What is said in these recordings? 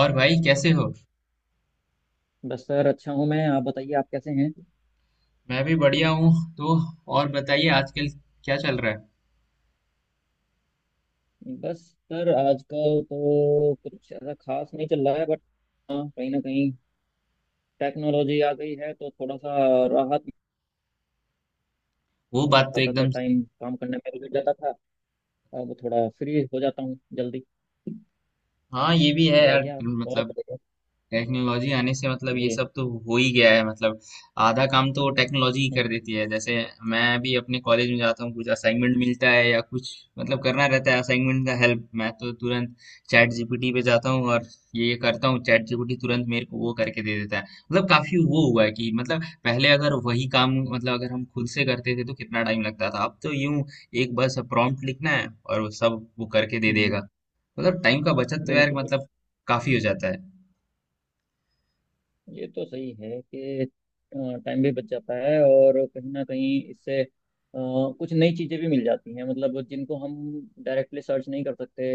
और भाई कैसे हो? बस सर, अच्छा हूँ। मैं, आप बताइए, आप कैसे हैं। मैं भी बढ़िया हूँ। तो और बताइए, आजकल क्या चल रहा है? बस सर, आजकल तो कुछ ऐसा खास नहीं चल रहा है। बट हाँ, कहीं ना कहीं टेक्नोलॉजी आ गई है तो थोड़ा सा राहत वो बात तो आता था। एकदम। टाइम काम करने में लग जाता था, अब थोड़ा फ्री हो जाता हूँ जल्दी। हाँ, ये भी है यार, बताइए आप, और मतलब बताइए। टेक्नोलॉजी आने से मतलब ये जी। सब तो हो ही गया है मतलब। आधा काम तो टेक्नोलॉजी ही कर हम्म। देती है, जैसे मैं भी अपने कॉलेज में जाता हूँ, कुछ असाइनमेंट मिलता है या कुछ मतलब करना रहता है, असाइनमेंट का हेल्प मैं तो तुरंत चैट जीपीटी पे जाता हूँ और ये करता हूँ। चैट जीपीटी तुरंत मेरे को वो करके दे देता है। मतलब काफी वो हुआ है कि मतलब पहले अगर वही काम, मतलब अगर हम खुद से करते थे तो कितना टाइम लगता था, अब तो यूं एक बस प्रॉम्प्ट लिखना है और वो सब वो करके दे हम्म, देगा। मतलब टाइम का बचत तो यार, बिल्कुल बिल्कुल। मतलब काफी हो जाता है। ये तो सही है कि टाइम भी बच जाता है और कहीं ना कहीं इससे कुछ नई चीज़ें भी मिल जाती हैं, मतलब जिनको हम डायरेक्टली सर्च नहीं कर सकते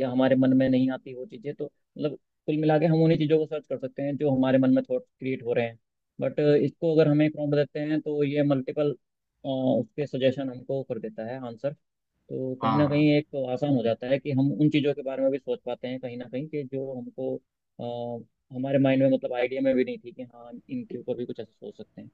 या हमारे मन में नहीं आती वो चीज़ें, तो मतलब कुल मिला के हम उन्हीं चीज़ों को सर्च कर सकते हैं जो हमारे मन में थॉट क्रिएट हो रहे हैं। बट इसको अगर हम एक प्रॉम्प्ट देते हैं तो ये मल्टीपल उसके सजेशन हमको कर देता है आंसर। तो कहीं ना हाँ, कहीं एक तो आसान हो जाता है कि हम उन चीज़ों के बारे में भी सोच पाते हैं कहीं ना कहीं, कि जो हमको हमारे माइंड में मतलब आइडिया में भी नहीं थी कि हाँ इनके ऊपर भी कुछ ऐसा सोच सकते हैं।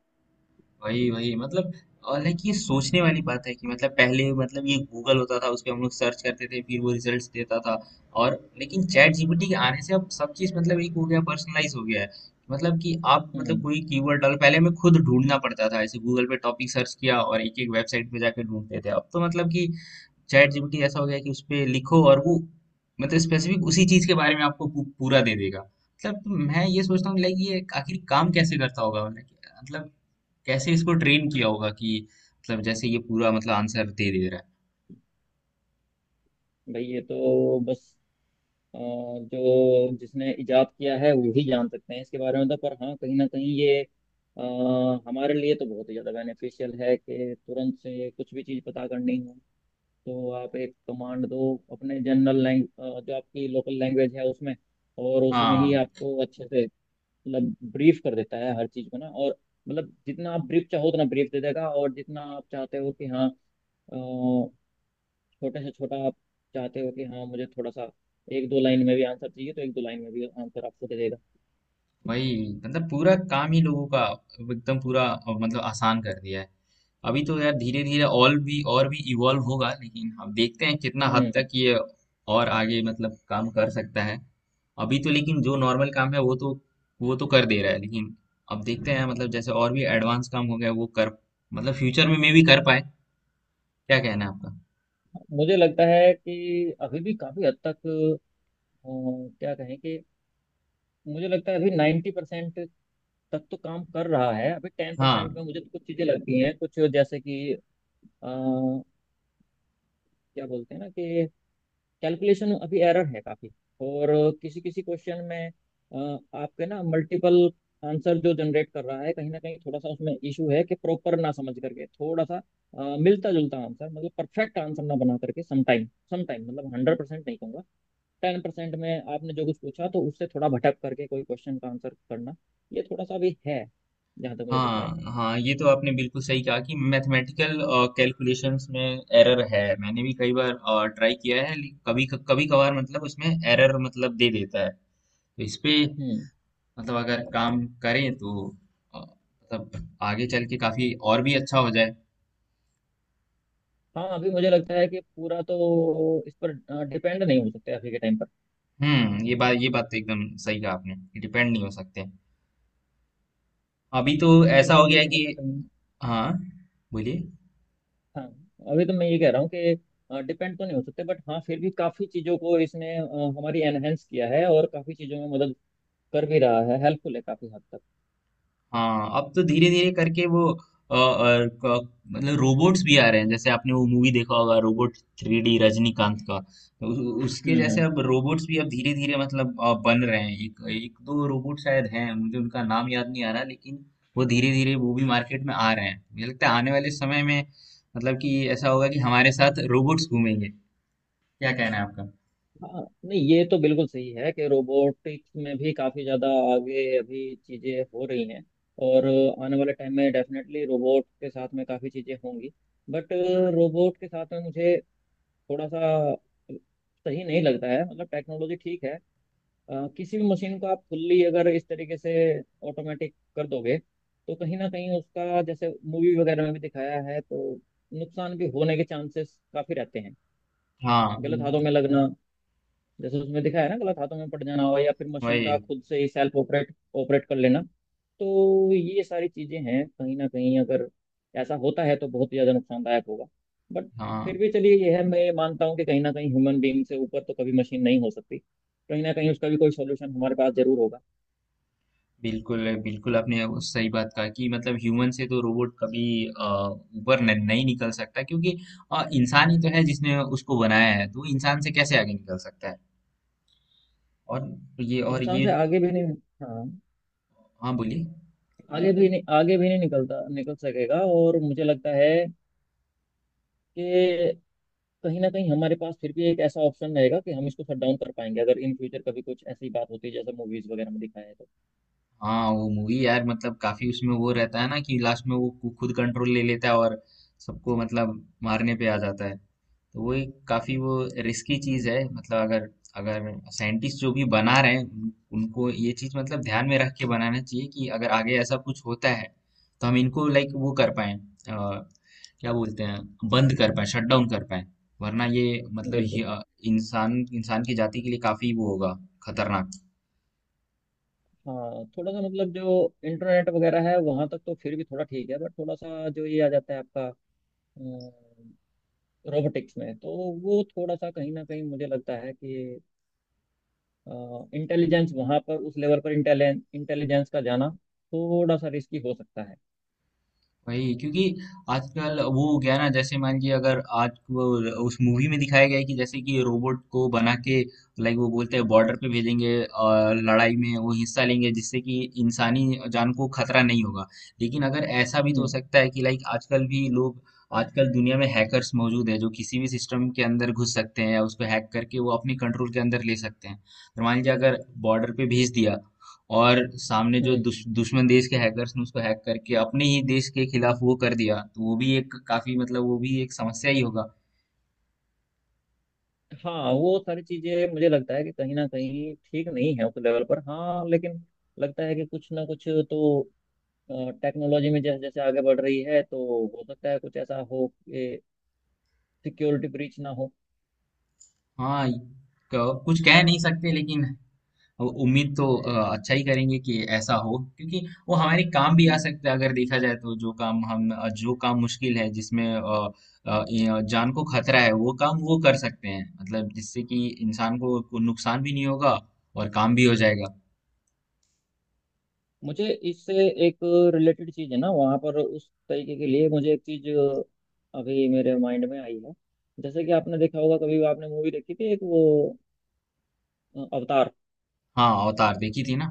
वही वही मतलब। और लाइक ये सोचने वाली बात है कि मतलब पहले, मतलब ये गूगल होता था, उस पे हम लोग सर्च करते थे, फिर वो रिजल्ट्स देता था। और लेकिन चैट जीपीटी के आने से अब सब चीज मतलब एक हो गया, पर्सनलाइज हो गया है। मतलब कि आप मतलब हम्म। कोई कीवर्ड डाल, पहले हमें खुद ढूंढना पड़ता था, ऐसे गूगल पे टॉपिक सर्च किया और एक एक वेबसाइट पे जाके ढूंढते थे। अब तो मतलब कि चैट जीपीटी ऐसा हो गया कि उस पे लिखो, और वो मतलब स्पेसिफिक उसी चीज के बारे में आपको पूरा दे देगा। मतलब मैं ये सोचता हूँ लाइक ये आखिर काम कैसे करता होगा? मतलब कैसे इसको ट्रेन किया होगा कि मतलब जैसे ये पूरा मतलब आंसर दे दे रहा है। भाई ये तो बस जो जिसने इजाद किया है वो ही जान सकते हैं इसके बारे में, तो पर हाँ कहीं ना कहीं ये अ, हमारे लिए तो बहुत ही ज़्यादा बेनिफिशियल है कि तुरंत से कुछ भी चीज़ पता करनी हो तो आप एक कमांड दो, अपने जनरल लैंग जो आपकी लोकल लैंग्वेज है उसमें, और उसी में ही हाँ, आपको अच्छे से मतलब ब्रीफ कर देता है हर चीज़ को ना। और मतलब जितना आप ब्रीफ चाहो उतना ब्रीफ दे देगा, और जितना आप चाहते हो कि हाँ अ, छोटे से छोटा आप चाहते हो कि हाँ मुझे थोड़ा सा एक दो लाइन में भी आंसर चाहिए तो एक दो लाइन में भी आंसर आपको दे देगा। वही। मतलब पूरा काम ही लोगों का, एकदम पूरा मतलब आसान कर दिया है। अभी तो यार धीरे धीरे और भी इवॉल्व होगा, लेकिन अब देखते हैं कितना हद हम्म। तक ये और आगे मतलब काम कर सकता है। अभी तो लेकिन जो नॉर्मल काम है वो तो कर दे रहा है, लेकिन अब देखते हैं मतलब जैसे और भी एडवांस काम हो गया वो कर, मतलब फ्यूचर में मे भी कर पाए। क्या कहना है आपका? मुझे लगता है कि अभी भी काफ़ी हद तक अ, क्या कहें कि, मुझे लगता है अभी 90% तक तो काम कर रहा है, अभी 10% हाँ, में मुझे तो कुछ चीजें लगती हैं कुछ, जैसे कि अ, क्या बोलते हैं ना कि कैलकुलेशन अभी एरर है काफी। और किसी किसी क्वेश्चन में अ, आपके ना मल्टीपल आंसर जो जनरेट कर रहा है, कहीं ना कहीं थोड़ा सा उसमें इशू है कि प्रॉपर ना समझ करके थोड़ा सा मिलता जुलता आंसर मतलब परफेक्ट आंसर ना बना करके समटाइम समटाइम मतलब 100% नहीं कहूंगा, 10% में आपने जो कुछ पूछा तो उससे थोड़ा भटक करके कोई क्वेश्चन का आंसर करना, ये थोड़ा सा भी है जहाँ तक मुझे लगता है। हाँ, हाँ, ये तो आपने बिल्कुल सही कहा कि मैथमेटिकल कैलकुलेशंस में एरर है। मैंने भी कई बार ट्राई किया है, लेकिन कभी कभी कभार मतलब उसमें एरर मतलब दे देता है। तो इस पे हम्म। मतलब अगर काम करें तो मतलब आगे चल के काफी और भी अच्छा हो जाए। हाँ, अभी मुझे लगता है कि पूरा तो इस पर डिपेंड नहीं हो सकते अभी के टाइम पर। हम्म, ये बात तो एकदम सही कहा आपने। डिपेंड नहीं हो सकते। अभी तो बट ये ऐसा है हो कि गया है कि कहीं ना कहीं, हाँ, बोलिए। हाँ, अभी तो मैं ये कह रहा हूँ कि डिपेंड तो नहीं हो सकते बट हाँ फिर भी काफ़ी चीज़ों को इसने हमारी एनहेंस किया है, और काफ़ी चीज़ों में मदद कर भी रहा है, हेल्पफुल है काफ़ी हद तक। हाँ, अब तो धीरे धीरे करके वो मतलब रोबोट्स भी आ रहे हैं, जैसे आपने वो मूवी देखा होगा रोबोट 3D रजनीकांत का। तो उ, उ- उसके हम्म, जैसे हम्म। अब रोबोट्स भी अब धीरे धीरे मतलब बन रहे हैं। एक एक दो रोबोट शायद हैं, मुझे उनका नाम याद नहीं आ रहा, लेकिन वो धीरे धीरे वो भी मार्केट में आ रहे हैं। मुझे लगता है आने वाले समय में मतलब कि ऐसा होगा कि हमारे साथ रोबोट्स घूमेंगे। क्या कहना है आपका? हाँ, नहीं ये तो बिल्कुल सही है कि रोबोटिक्स में भी काफ़ी ज़्यादा आगे अभी चीज़ें हो रही हैं, और आने वाले टाइम में डेफिनेटली रोबोट के साथ में काफ़ी चीज़ें होंगी। बट रोबोट के साथ में मुझे थोड़ा सा सही नहीं लगता है, मतलब टेक्नोलॉजी ठीक है, किसी भी मशीन को आप फुल्ली अगर इस तरीके से ऑटोमेटिक कर दोगे तो कहीं ना कहीं, उसका जैसे मूवी वगैरह में भी दिखाया है तो नुकसान भी होने के चांसेस काफ़ी रहते हैं। हाँ, गलत हाथों में लगना, जैसे उसमें दिखाया है ना, गलत हाथों में पड़ जाना हो, या फिर मशीन वही। का खुद से ही सेल्फ ऑपरेट ऑपरेट कर लेना। तो ये सारी चीजें हैं, कहीं ना कहीं अगर ऐसा होता है तो बहुत ही ज्यादा नुकसानदायक होगा। बट फिर हाँ, भी चलिए ये है, मैं ये मानता हूँ कि कहीं ना कहीं ह्यूमन बीइंग से ऊपर तो कभी मशीन नहीं हो सकती, कहीं ना कहीं उसका भी कोई सोल्यूशन हमारे पास जरूर होगा। बिल्कुल, बिल्कुल आपने वो सही बात कहा कि मतलब ह्यूमन से तो रोबोट कभी ऊपर न, नहीं निकल सकता, क्योंकि इंसान ही तो है जिसने उसको बनाया है, तो वो इंसान से कैसे आगे निकल सकता है? और ये और इंसान ये से आगे भी नहीं। हाँ, हाँ, बोलिए। आगे भी नहीं निकल सकेगा, और मुझे लगता है कि कहीं ना कहीं हमारे पास फिर भी एक ऐसा ऑप्शन रहेगा कि हम इसको शट डाउन कर पाएंगे अगर इन फ्यूचर कभी कुछ ऐसी बात होती है जैसे मूवीज वगैरह में दिखाया है तो। हाँ, वो मूवी यार मतलब काफी उसमें वो रहता है ना कि लास्ट में वो खुद कंट्रोल ले लेता है और सबको मतलब मारने पे आ जाता है। तो वो एक काफी वो रिस्की चीज हम्म, है, मतलब अगर अगर साइंटिस्ट जो भी बना रहे हैं उनको ये चीज मतलब ध्यान में रख के बनाना चाहिए कि अगर आगे ऐसा कुछ होता है तो हम इनको लाइक वो कर पाए, क्या बोलते हैं, बंद कर पाए, शट डाउन कर पाए। वरना ये मतलब बिल्कुल। इंसान इंसान की जाति के लिए काफी वो होगा, खतरनाक। हाँ, थोड़ा सा मतलब जो इंटरनेट वगैरह है वहां तक तो फिर भी थोड़ा ठीक है, बट थोड़ा सा जो ये आ जाता है आपका रोबोटिक्स में, तो वो थोड़ा सा कहीं ना कहीं मुझे लगता है कि इंटेलिजेंस वहां पर उस लेवल पर इंटेलिजेंस का जाना थोड़ा सा रिस्की हो सकता है। वही, क्योंकि आजकल वो हो गया ना, जैसे मान लीजिए अगर आज वो उस मूवी में दिखाया गया है कि जैसे कि रोबोट को बना के लाइक वो बोलते हैं बॉर्डर पे भेजेंगे और लड़ाई में वो हिस्सा लेंगे, जिससे कि इंसानी जान को खतरा नहीं होगा। लेकिन अगर ऐसा भी तो हो हम्म। सकता है कि लाइक आजकल भी लोग, आजकल दुनिया में हैकर्स मौजूद है जो किसी भी सिस्टम के अंदर घुस सकते हैं या उसको हैक करके वो अपने कंट्रोल के अंदर ले सकते हैं। तो मान लीजिए अगर बॉर्डर पे भेज दिया और सामने हम्म। जो दुश्मन देश के हैकर्स ने उसको हैक करके अपने ही देश के खिलाफ वो कर दिया, तो वो भी एक काफी, मतलब वो भी एक समस्या ही होगा। हाँ, वो सारी चीजें मुझे लगता है कि कहीं ना कहीं ठीक नहीं है उस लेवल पर, हाँ लेकिन लगता है कि कुछ ना कुछ तो टेक्नोलॉजी में जैसे जैसे आगे बढ़ रही है तो हो सकता है कुछ ऐसा हो कि सिक्योरिटी ब्रीच ना हो। हाँ, कुछ कह नहीं सकते, लेकिन उम्मीद तो अच्छा ही करेंगे कि ऐसा हो, क्योंकि वो हमारे काम भी आ हम्म। सकता है। अगर देखा जाए तो जो काम हम जो काम मुश्किल है, जिसमें ये जान को खतरा है, वो काम वो कर सकते हैं, मतलब जिससे कि इंसान को नुकसान भी नहीं होगा और काम भी हो जाएगा। मुझे इससे एक रिलेटेड चीज है ना, वहाँ पर उस तरीके के लिए मुझे एक चीज अभी मेरे माइंड में आई है। जैसे कि आपने देखा होगा, कभी आपने मूवी देखी थी एक वो अवतार। हाँ, अवतार देखी थी ना।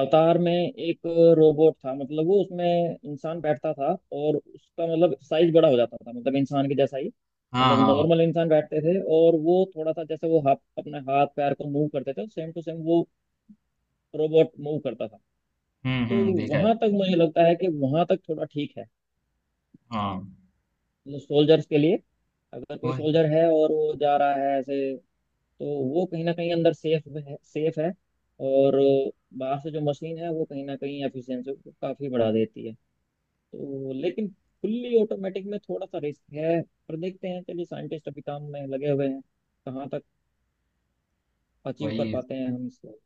अवतार में एक रोबोट था, मतलब वो उसमें इंसान बैठता था और उसका मतलब साइज बड़ा हो जाता था, मतलब इंसान के जैसा ही। हाँ, मतलब हाँ। नॉर्मल इंसान बैठते थे और वो थोड़ा सा जैसे वो हाथ, अपने हाथ पैर को मूव करते थे सेम टू सेम वो रोबोट मूव करता था। हुँ, तो हुँ, देखा है। वहां तक मुझे लगता है कि वहां तक थोड़ा ठीक है, हाँ, मतलब सोल्जर्स के लिए, अगर कोई वही, सोल्जर है और वो जा रहा है ऐसे, तो वो कहीं ना कहीं अंदर सेफ है सेफ है, और बाहर से जो मशीन है वो कहीं ना कहीं एफिशिएंसी को काफी बढ़ा देती है। तो लेकिन फुल्ली ऑटोमेटिक में थोड़ा सा रिस्क है, पर देखते हैं, चलिए साइंटिस्ट अभी काम में लगे हुए हैं, कहाँ तक अचीव कर वही, पाते हैं हम इसको।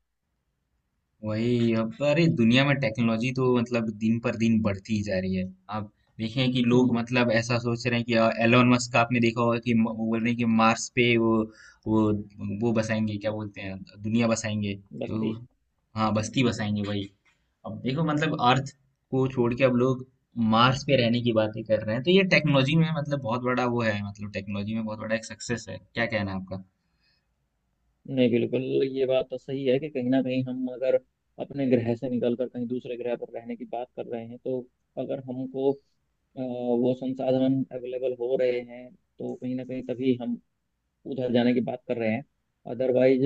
वही। अब तो, अरे दुनिया में टेक्नोलॉजी तो मतलब दिन पर दिन बढ़ती ही जा रही है। आप देखें कि लोग हम्म। मतलब ऐसा सोच रहे हैं कि एलोन मस्क का आपने देखा होगा कि म वो बोल रहे हैं कि मार्स पे वो वो वो बसाएँगे, क्या बोलते हैं, दुनिया बसाएँगे। बस्ती। उ हाँ, हम्म, बस्ती बसाएँगे वही। अब देखो मतलब अर्थ को छोड़ के अब लोग मार्स पे रहने की बातें कर रहे हैं। तो ये टेक्नोलॉजी में मतलब बहुत बड़ा वो है, मतलब टेक्नोलॉजी में बहुत बड़ा एक सक्सेस है। क्या कहना है आपका? नहीं बिल्कुल। ये बात तो सही है कि कहीं ना कहीं हम अगर अपने ग्रह से निकल कर कहीं दूसरे ग्रह पर रहने की बात कर रहे हैं, तो अगर हमको वो संसाधन अवेलेबल हो रहे हैं तो कहीं ना कहीं तभी हम उधर जाने की बात कर रहे हैं, अदरवाइज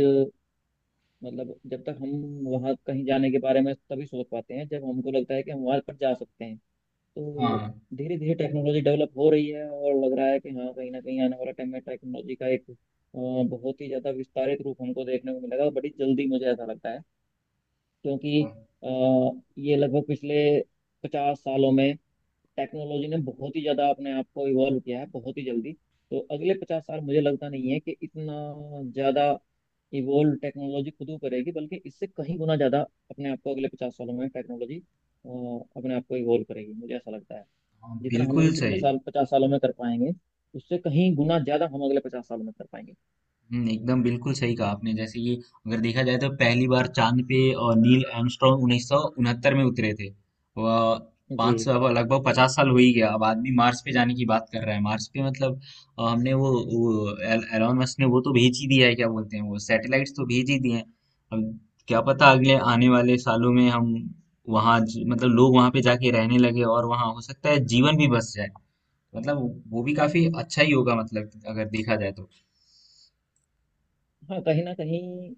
मतलब जब तक हम वहाँ कहीं जाने के बारे में तभी सोच पाते हैं जब हमको लगता है कि हम वहाँ पर जा सकते हैं। तो हाँ, धीरे धीरे टेक्नोलॉजी डेवलप हो रही है, और लग रहा है कि हाँ कहीं ना कहीं आने वाला टाइम में टेक्नोलॉजी का एक बहुत ही ज़्यादा विस्तारित रूप हमको देखने को मिलेगा, और बड़ी जल्दी मुझे ऐसा लगता है। क्योंकि हाँ। ये लगभग पिछले 50 सालों में टेक्नोलॉजी ने बहुत ही ज्यादा अपने आप को इवॉल्व किया है, बहुत ही जल्दी। तो अगले 50 साल मुझे लगता नहीं है कि इतना ज्यादा इवॉल्व टेक्नोलॉजी खुद ही करेगी, बल्कि इससे कहीं गुना ज्यादा अपने आप को अगले 50 सालों में टेक्नोलॉजी अपने आप को इवॉल्व करेगी, मुझे ऐसा लगता है। हाँ, जितना हम बिल्कुल इन पिछले सही। साल 50 सालों में कर पाएंगे, उससे कहीं गुना ज्यादा हम अगले 50 सालों में कर पाएंगे। एकदम बिल्कुल सही कहा आपने। जैसे कि अगर देखा जाए तो पहली बार चांद पे नील आर्मस्ट्रांग 1969 में उतरे थे। वह जी। पाँच सौ लगभग 50 साल हो ही गया। अब आदमी मार्स पे जाने की बात कर रहा है। मार्स पे मतलब हमने वो एल- एलॉन मस्क ने वो तो भेज ही दिया है, क्या बोलते हैं, वो सैटेलाइट्स तो भेज ही दिए हैं। अब क्या पता अगले आने वाले सालों में हम वहाँ मतलब लोग वहाँ पे जाके रहने लगे और वहाँ हो सकता है जीवन भी बस जाए। मतलब वो भी काफी अच्छा ही होगा, मतलब अगर देखा जाए तो। हाँ, कहीं ना कहीं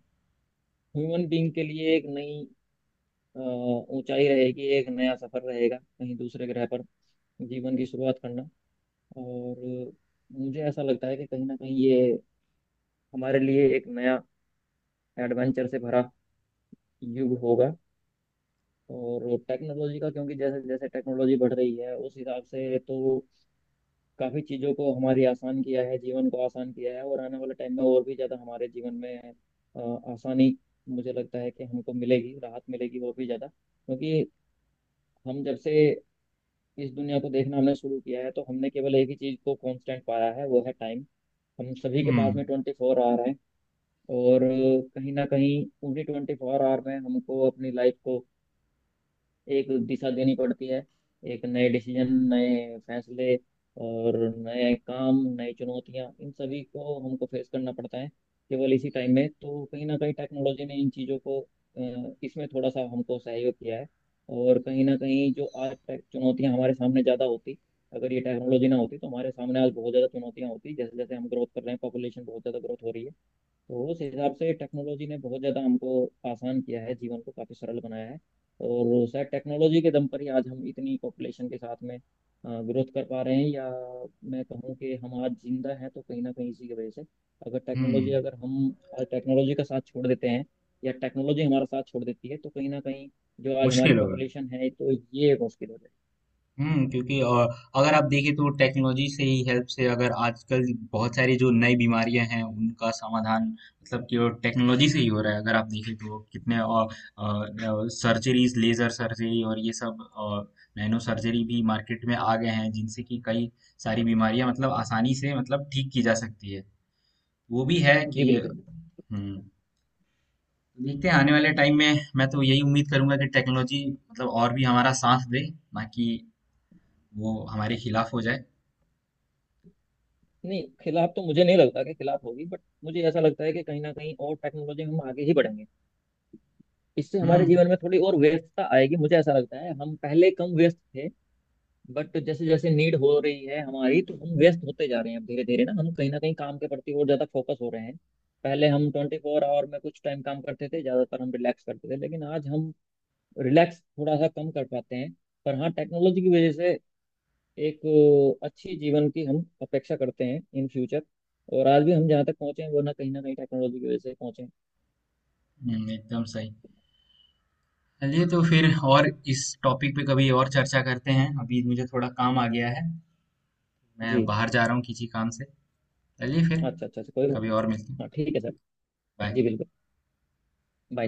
ह्यूमन बींग के लिए एक नई ऊंचाई रहेगी, एक नया सफर रहेगा, कहीं दूसरे ग्रह पर जीवन की शुरुआत करना। और मुझे ऐसा लगता है कि कहीं ना कहीं ये हमारे लिए एक नया एडवेंचर से भरा युग होगा, और टेक्नोलॉजी का, क्योंकि जैसे जैसे टेक्नोलॉजी बढ़ रही है उस हिसाब से तो काफ़ी चीज़ों को हमारी आसान किया है, जीवन को आसान किया है, और आने वाले टाइम में और भी ज़्यादा हमारे जीवन में आसानी मुझे लगता है कि हमको मिलेगी, राहत मिलेगी और भी ज़्यादा। क्योंकि हम जब से इस दुनिया को देखना हमने शुरू किया है तो हमने केवल एक ही चीज़ को कांस्टेंट पाया है, वो है टाइम। हम सभी के हुँ, पास में 24 आवर है। और कहीं ना कहीं पूरी 24 आवर में हमको अपनी लाइफ को एक दिशा देनी पड़ती है, एक नए डिसीजन नए फैसले, और नए काम नई चुनौतियां, इन सभी को हमको फेस करना पड़ता है केवल इसी टाइम में। तो कहीं ना कहीं टेक्नोलॉजी ने इन चीज़ों को इसमें थोड़ा सा हमको सहयोग किया है, और कहीं ना कहीं जो आज तक चुनौतियां हमारे सामने ज़्यादा होती, अगर ये टेक्नोलॉजी ना होती तो हमारे सामने आज बहुत ज़्यादा चुनौतियां होती, जैसे जैसे हम ग्रोथ कर रहे हैं पॉपुलेशन बहुत ज़्यादा ग्रोथ हो रही है। तो उस हिसाब से टेक्नोलॉजी ने बहुत ज़्यादा हमको आसान किया है, जीवन को काफ़ी सरल बनाया है। और शायद टेक्नोलॉजी के दम पर ही आज हम इतनी पॉपुलेशन के साथ में ग्रोथ कर पा रहे हैं, या मैं कहूँ कि हम आज जिंदा हैं तो कहीं ना कहीं इसी की वजह से। अगर हुँ। टेक्नोलॉजी, अगर हम आज टेक्नोलॉजी का साथ छोड़ देते हैं या टेक्नोलॉजी हमारा साथ छोड़ देती है तो कहीं ना कहीं जो आज हमारी मुश्किल होगा। पॉपुलेशन है तो ये एक मुश्किल हो जाएगी। हुँ, क्योंकि अगर आप देखें तो टेक्नोलॉजी से ही हेल्प से अगर आजकल बहुत सारी जो नई बीमारियाँ हैं, उनका समाधान मतलब केवल टेक्नोलॉजी से ही हो रहा है। अगर आप देखें तो कितने सर्जरीज़, लेज़र सर्जरी और ये सब नैनो सर्जरी भी मार्केट में आ गए हैं, जिनसे कि कई सारी बीमारियाँ मतलब आसानी से मतलब ठीक की जा सकती है। वो भी है जी कि बिल्कुल। हुँ। देखते हैं आने वाले टाइम में, मैं तो यही उम्मीद करूंगा कि टेक्नोलॉजी मतलब और भी हमारा साथ दे, ना कि वो हमारे खिलाफ हो जाए। नहीं खिलाफ तो मुझे नहीं लगता कि खिलाफ होगी, बट मुझे ऐसा लगता है कि कहीं ना कहीं, और टेक्नोलॉजी में हम आगे ही बढ़ेंगे। इससे हमारे हम्म। जीवन में थोड़ी और व्यस्तता आएगी मुझे ऐसा लगता है, हम पहले कम व्यस्त थे बट जैसे जैसे नीड हो रही है हमारी तो हम व्यस्त होते जा रहे हैं, अब धीरे धीरे ना हम कहीं ना कहीं काम के प्रति और ज्यादा फोकस हो रहे हैं। पहले हम 24 आवर में कुछ टाइम काम करते थे, ज्यादातर हम रिलैक्स करते थे, लेकिन आज हम रिलैक्स थोड़ा सा कम कर पाते हैं। पर हाँ टेक्नोलॉजी की वजह से एक अच्छी जीवन की हम अपेक्षा करते हैं इन फ्यूचर, और आज भी हम जहाँ तक पहुंचे हैं वो ना कहीं टेक्नोलॉजी की वजह से पहुंचे हैं। एकदम सही। चलिए तो फिर और इस टॉपिक पे कभी और चर्चा करते हैं। अभी मुझे थोड़ा काम आ गया है, मैं जी। बाहर जा रहा हूँ किसी काम से। चलिए फिर, अच्छा अच्छा अच्छा, कोई बात कभी नहीं सर। और मिलते हैं। हाँ ठीक है सर। जी बाय। बिल्कुल। by।